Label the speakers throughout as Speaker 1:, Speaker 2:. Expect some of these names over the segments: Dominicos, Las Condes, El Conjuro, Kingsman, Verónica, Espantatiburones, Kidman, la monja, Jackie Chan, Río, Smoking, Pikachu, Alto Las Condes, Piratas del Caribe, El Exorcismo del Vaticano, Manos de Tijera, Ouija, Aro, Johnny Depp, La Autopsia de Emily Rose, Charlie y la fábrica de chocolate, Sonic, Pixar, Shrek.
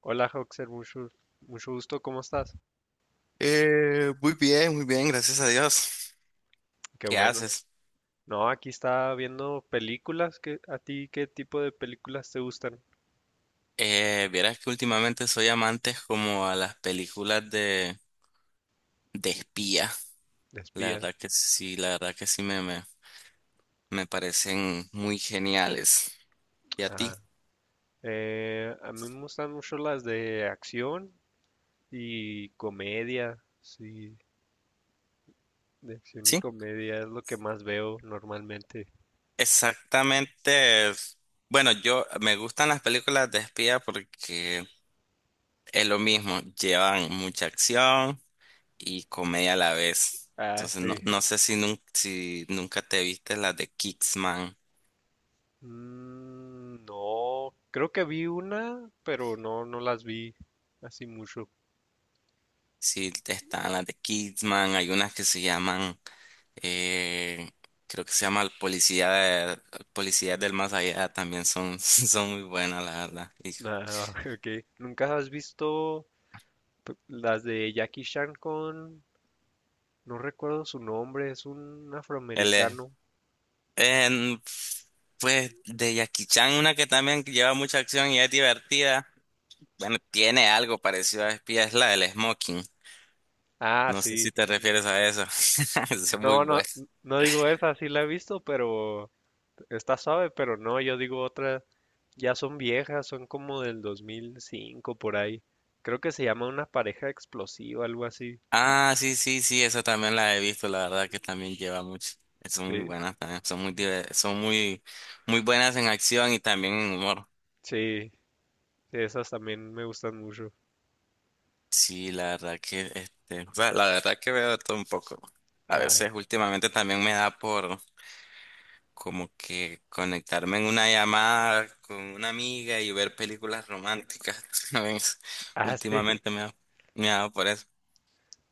Speaker 1: Hola, Hoxer, mucho gusto, ¿cómo estás?
Speaker 2: Muy bien, muy bien, gracias a Dios.
Speaker 1: Qué
Speaker 2: ¿Qué
Speaker 1: bueno.
Speaker 2: haces?
Speaker 1: No, aquí estaba viendo películas. ¿Qué, a ti qué tipo de películas te gustan?
Speaker 2: Vieras que últimamente soy amante como a las películas de espía.
Speaker 1: De
Speaker 2: La
Speaker 1: espía.
Speaker 2: verdad que sí, la verdad que sí me parecen muy geniales. ¿Y a ti?
Speaker 1: Ah, a mí me gustan mucho las de acción y comedia. Sí, de acción y
Speaker 2: Sí,
Speaker 1: comedia es lo que más veo normalmente.
Speaker 2: exactamente. Bueno, yo me gustan las películas de espía porque es lo mismo, llevan mucha acción y comedia a la vez.
Speaker 1: Ah,
Speaker 2: Entonces, no,
Speaker 1: sí.
Speaker 2: no sé si, si nunca te viste las de Kingsman.
Speaker 1: Mm, no, creo que vi una, pero no las vi así mucho.
Speaker 2: Sí, están las de Kidman, hay unas que se llaman, eh, creo que se llama El Policía Policía del Más Allá, también son, son muy buenas, la verdad. Y
Speaker 1: Ah, ok. ¿Nunca has visto? Las de Jackie Chan con, no recuerdo su nombre, es un
Speaker 2: él es,
Speaker 1: afroamericano.
Speaker 2: en- pues de Jackie Chan, una que también lleva mucha acción y es divertida. Bueno, tiene algo parecido a Espía, es la del Smoking.
Speaker 1: Ah,
Speaker 2: No sé si
Speaker 1: sí.
Speaker 2: te refieres a eso. Es muy
Speaker 1: No, no,
Speaker 2: buena.
Speaker 1: no digo esa, sí la he visto, pero está suave, pero no, yo digo otra, ya son viejas, son como del 2005 por ahí. Creo que se llama Una pareja explosiva, algo así.
Speaker 2: Ah, sí, sí, sí, esa también la he visto, la verdad que también lleva mucho. Son muy
Speaker 1: Sí,
Speaker 2: buenas también, son son muy, muy buenas en acción y también en humor.
Speaker 1: sí, sí, esas también me gustan mucho.
Speaker 2: Sí, la verdad que, este, o sea, la verdad que veo de todo un poco. A
Speaker 1: Ah,
Speaker 2: veces últimamente también me da por como que conectarme en una llamada con una amiga y ver películas románticas. ¿Sabes?
Speaker 1: ah, sí.
Speaker 2: Últimamente me ha dado por eso.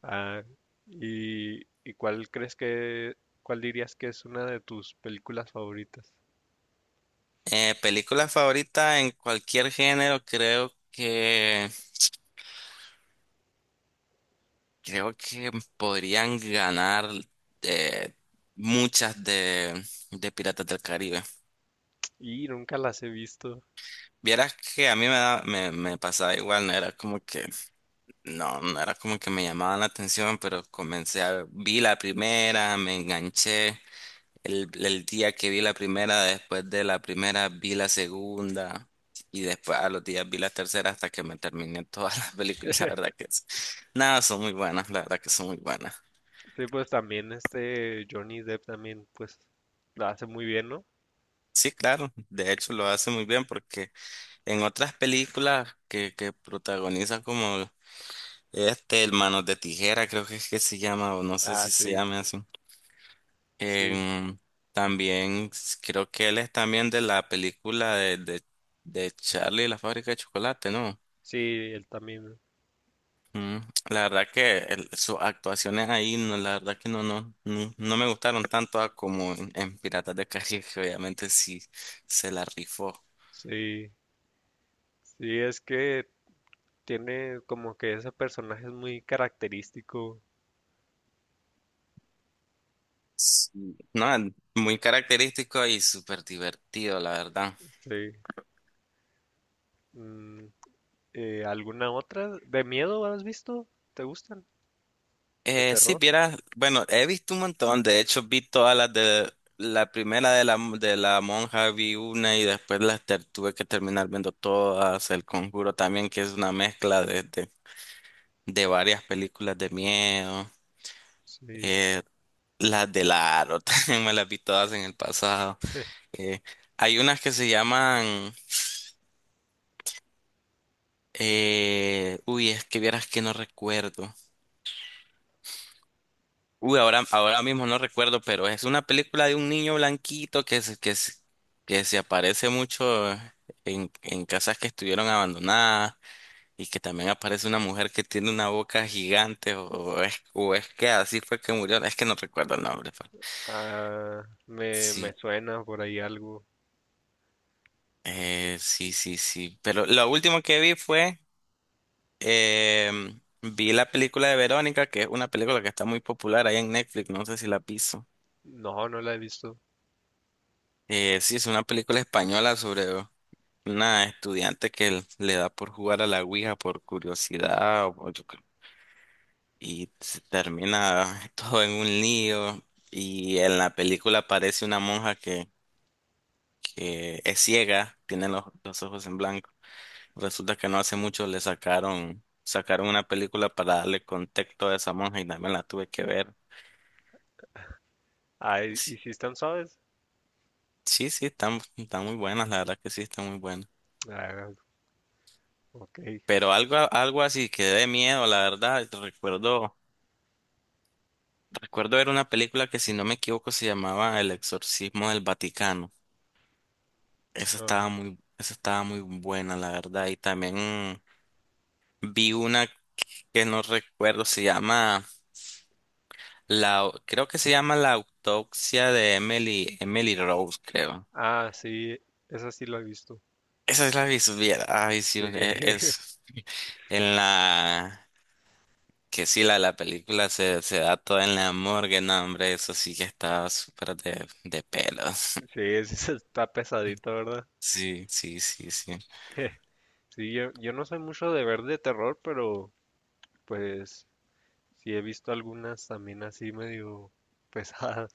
Speaker 1: Ah, ¿y cuál crees que, cuál dirías que es una de tus películas favoritas?
Speaker 2: Película favorita en cualquier género, creo que. Creo que podrían ganar eh, muchas de Piratas del Caribe.
Speaker 1: Y nunca las he visto.
Speaker 2: Vieras que a mí me pasaba igual, no era como que, no, no era como que me llamaban la atención, pero vi la primera, me enganché. El día que vi la primera, después de la primera vi la segunda y después a los días vi la tercera hasta que me terminé todas las películas. La verdad que nada, son muy buenas, la verdad que son muy buenas.
Speaker 1: Sí, pues también este Johnny Depp también, pues, la hace muy bien, ¿no?
Speaker 2: Sí, claro, de hecho lo hace muy bien porque en otras películas que protagoniza como este, el Manos de Tijera, creo que es que se llama, o no sé
Speaker 1: Ah,
Speaker 2: si se
Speaker 1: sí,
Speaker 2: llama así.
Speaker 1: sí,
Speaker 2: em, También creo que él es también de la película de Charlie y la fábrica de chocolate, ¿no?
Speaker 1: sí, él también,
Speaker 2: Mm, la verdad que sus actuaciones ahí, no, la verdad que no, no, no, no me gustaron tanto a como en Piratas de Caribe, que obviamente sí se la rifó.
Speaker 1: sí, sí, es que tiene como que ese personaje es muy característico,
Speaker 2: Sí. No, muy característico y súper divertido, la verdad.
Speaker 1: sí. Mm, ¿alguna otra? ¿De miedo has visto? ¿Te gustan? ¿De
Speaker 2: Sí,
Speaker 1: terror?
Speaker 2: vieras, bueno, he visto un montón, de hecho vi todas las de la primera de de la monja, vi una y después tuve que terminar viendo todas, El Conjuro también, que es una mezcla de varias películas de miedo,
Speaker 1: Sí.
Speaker 2: eh, las de Aro también me las vi todas en el pasado. Eh, Hay unas que se llaman, uy, es que vieras que no recuerdo. Uy, ahora mismo no recuerdo, pero es una película de un niño blanquito que se aparece mucho en casas que estuvieron abandonadas y que también aparece una mujer que tiene una boca gigante o es que así fue que murió. Es que no recuerdo el nombre, pero…
Speaker 1: Ah, me
Speaker 2: Sí,
Speaker 1: suena por ahí algo.
Speaker 2: sí, sí, sí. Pero lo último que vi fue, vi la película de Verónica, que es una película que está muy popular ahí en Netflix, no sé si la piso.
Speaker 1: No, no la he visto.
Speaker 2: Sí, es una película española sobre una estudiante que le da por jugar a la Ouija por curiosidad o yo creo, y se termina todo en un lío. Y en la película aparece una monja que es ciega, tiene los ojos en blanco. Resulta que no hace mucho le sacaron, sacaron una película para darle contexto a esa monja y también la tuve que ver.
Speaker 1: Ah, y
Speaker 2: Sí,
Speaker 1: si están suaves?
Speaker 2: sí, sí, están, están muy buenas, la verdad que sí, están muy buenas.
Speaker 1: Ah, ok,
Speaker 2: Pero algo, algo así que dé miedo, la verdad, te recuerdo. Recuerdo ver una película que, si no me equivoco, se llamaba El Exorcismo del Vaticano.
Speaker 1: no.
Speaker 2: Esa estaba muy buena, la verdad. Y también vi una que no recuerdo, se llama creo que se llama La Autopsia de Emily, Emily Rose, creo.
Speaker 1: Ah, sí, esa sí la he visto.
Speaker 2: Esa es la vi, supiera. Ay, sí,
Speaker 1: Sí,
Speaker 2: es en la que sí, la película se da toda en la morgue, no, hombre, eso sí que estaba súper de pelos.
Speaker 1: sí, ese está pesadita, ¿verdad?
Speaker 2: Sí, sí, sí, sí.
Speaker 1: Sí, yo no soy mucho de ver de terror, pero pues sí he visto algunas también así medio pesadas.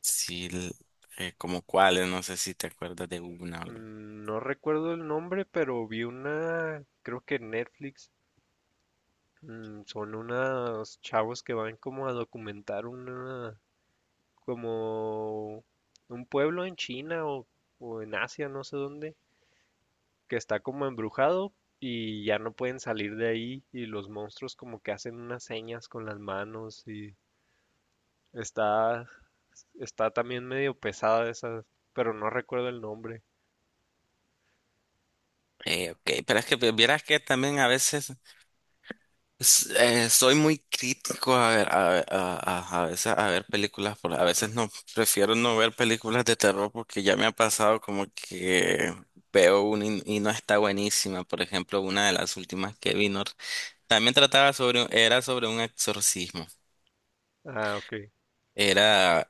Speaker 2: Sí, como cuáles, no sé si te acuerdas de una.
Speaker 1: Mm, no recuerdo el nombre, pero vi una, creo que en Netflix, mm, son unos chavos que van como a documentar una, como un pueblo en China o en Asia, no sé dónde, que está como embrujado y ya no pueden salir de ahí y los monstruos como que hacen unas señas con las manos y está está también medio pesada esa, pero no recuerdo el nombre.
Speaker 2: Ok, pero es que vieras que también a veces soy muy crítico a veces a ver películas, a veces no, prefiero no ver películas de terror porque ya me ha pasado como que veo una y no está buenísima. Por ejemplo, una de las últimas que vino también trataba sobre, era sobre un exorcismo.
Speaker 1: Ah, ok,
Speaker 2: Era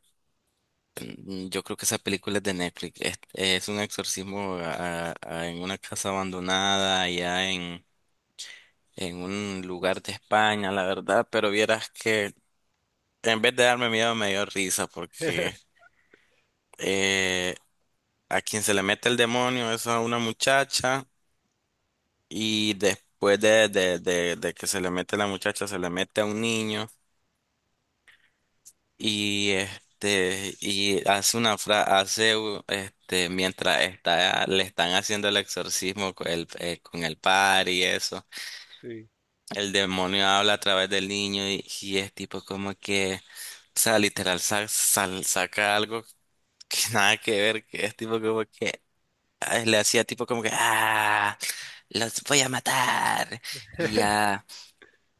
Speaker 2: mm, yo creo que esa película es de Netflix. Es un exorcismo en una casa abandonada, allá en un lugar de España, la verdad. Pero vieras que en vez de darme miedo, me dio risa porque eh, a quien se le mete el demonio es a una muchacha y después de que se le mete la muchacha, se le mete a un niño. Y este, y hace una frase, hace este, mientras está, le están haciendo el exorcismo con el par y eso,
Speaker 1: sí.
Speaker 2: el demonio habla a través del niño y es tipo como que, o sea, literal saca algo que nada que ver, que es tipo como que ah, le hacía tipo como que, ah, los voy a matar, y ya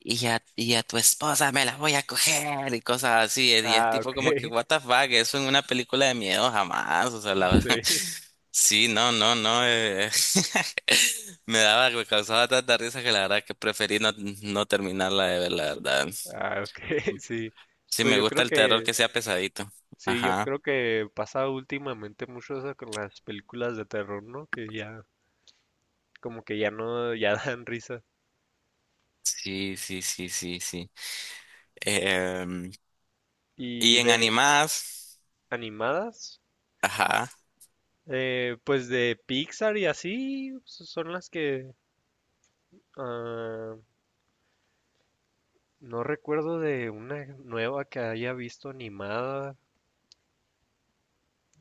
Speaker 2: y a tu esposa me la voy a coger y cosas así. Y es
Speaker 1: Ah,
Speaker 2: tipo
Speaker 1: ok,
Speaker 2: como que, what the fuck, eso en una película de miedo jamás. O sea, la…
Speaker 1: sí.
Speaker 2: sí, no, no, no. Me daba, me causaba tanta risa que la verdad que preferí no, no terminarla de ver, la verdad.
Speaker 1: Ah, ok, sí.
Speaker 2: Sí,
Speaker 1: Pues
Speaker 2: me
Speaker 1: yo
Speaker 2: gusta
Speaker 1: creo
Speaker 2: el terror
Speaker 1: que,
Speaker 2: que sea pesadito.
Speaker 1: sí, yo
Speaker 2: Ajá.
Speaker 1: creo que pasa últimamente mucho eso con las películas de terror, ¿no? Que ya, como que ya no, ya dan risa.
Speaker 2: Sí, sí, sí, sí, sí. Em,
Speaker 1: Y
Speaker 2: y en
Speaker 1: de
Speaker 2: animadas,
Speaker 1: animadas,
Speaker 2: ajá.
Speaker 1: eh, pues de Pixar y así son las que ah, no recuerdo de una nueva que haya visto animada.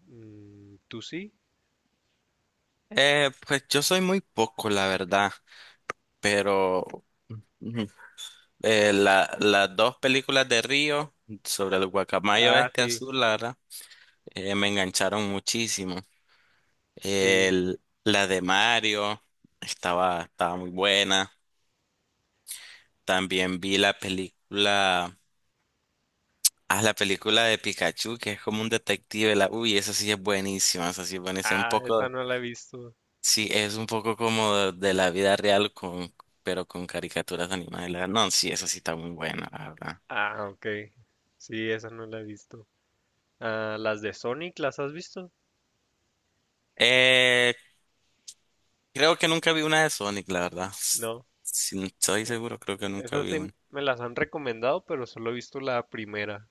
Speaker 1: Mm, ¿tú sí?
Speaker 2: Pues yo soy muy poco, la verdad, pero las dos películas de Río sobre el guacamayo
Speaker 1: Ah,
Speaker 2: este
Speaker 1: sí,
Speaker 2: azul, la verdad, me engancharon muchísimo.
Speaker 1: sí.
Speaker 2: La de Mario estaba, estaba muy buena. También vi la película, ah, la película de Pikachu, que es como un detective. La, uy, esa sí es buenísima, esa sí es buenísima. Un
Speaker 1: Ah, esa
Speaker 2: poco,
Speaker 1: no la he visto.
Speaker 2: sí, es un poco como de la vida real, con, pero con caricaturas animadas. No, sí, esa sí está muy buena, la verdad.
Speaker 1: Ah, ok. Sí, esa no la he visto. Ah, las de Sonic, ¿las has visto?
Speaker 2: Eh, Creo que nunca vi una de Sonic, la verdad.
Speaker 1: No.
Speaker 2: Si estoy seguro, creo que nunca
Speaker 1: Esas
Speaker 2: vi
Speaker 1: sí
Speaker 2: una.
Speaker 1: me las han recomendado, pero solo he visto la primera.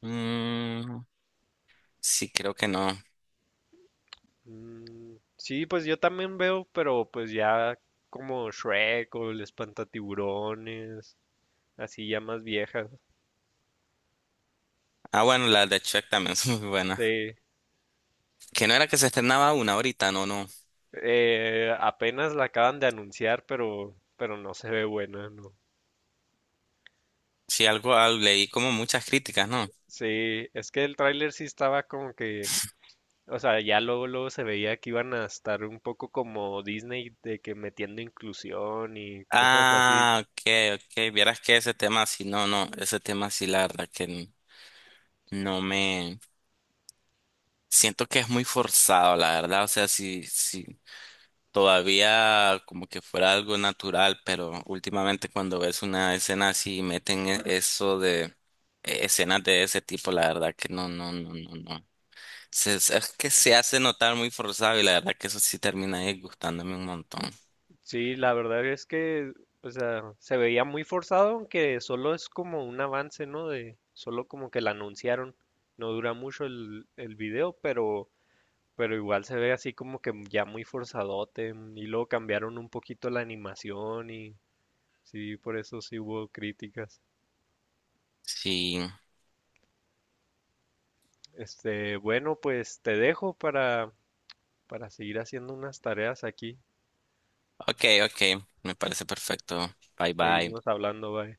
Speaker 2: Mm, sí, creo que no.
Speaker 1: Mm, sí, pues yo también veo, pero pues ya como Shrek o el Espantatiburones, así ya más viejas.
Speaker 2: Ah, bueno, la de Shrek también es muy buena.
Speaker 1: Sí,
Speaker 2: Que no era que se estrenaba una ahorita, no, no.
Speaker 1: apenas la acaban de anunciar, pero no se ve buena, ¿no?
Speaker 2: Sí, algo, ah, leí como muchas críticas, ¿no?
Speaker 1: Sí, es que el tráiler sí estaba como que, o sea, ya luego se veía que iban a estar un poco como Disney de que metiendo inclusión y cosas así.
Speaker 2: Ah, ok, ok. Vieras que ese tema sí, no, no. Ese tema sí, la verdad que no me. Siento que es muy forzado, la verdad. O sea, sí, sí, todavía como que fuera algo natural, pero últimamente cuando ves una escena así y meten eso de escenas de ese tipo, la verdad que no, no, no, no, no. Es que se hace notar muy forzado y la verdad que eso sí termina disgustándome un montón.
Speaker 1: Sí, la verdad es que, o sea, se veía muy forzado, aunque solo es como un avance, ¿no? De solo como que la anunciaron. No dura mucho el video, pero igual se ve así como que ya muy forzadote. Mm, y luego cambiaron un poquito la animación y sí, por eso sí hubo críticas.
Speaker 2: Sí,
Speaker 1: Este, bueno, pues te dejo para seguir haciendo unas tareas aquí.
Speaker 2: ok, ok, me parece perfecto. Bye bye.
Speaker 1: Seguimos hablando, bye.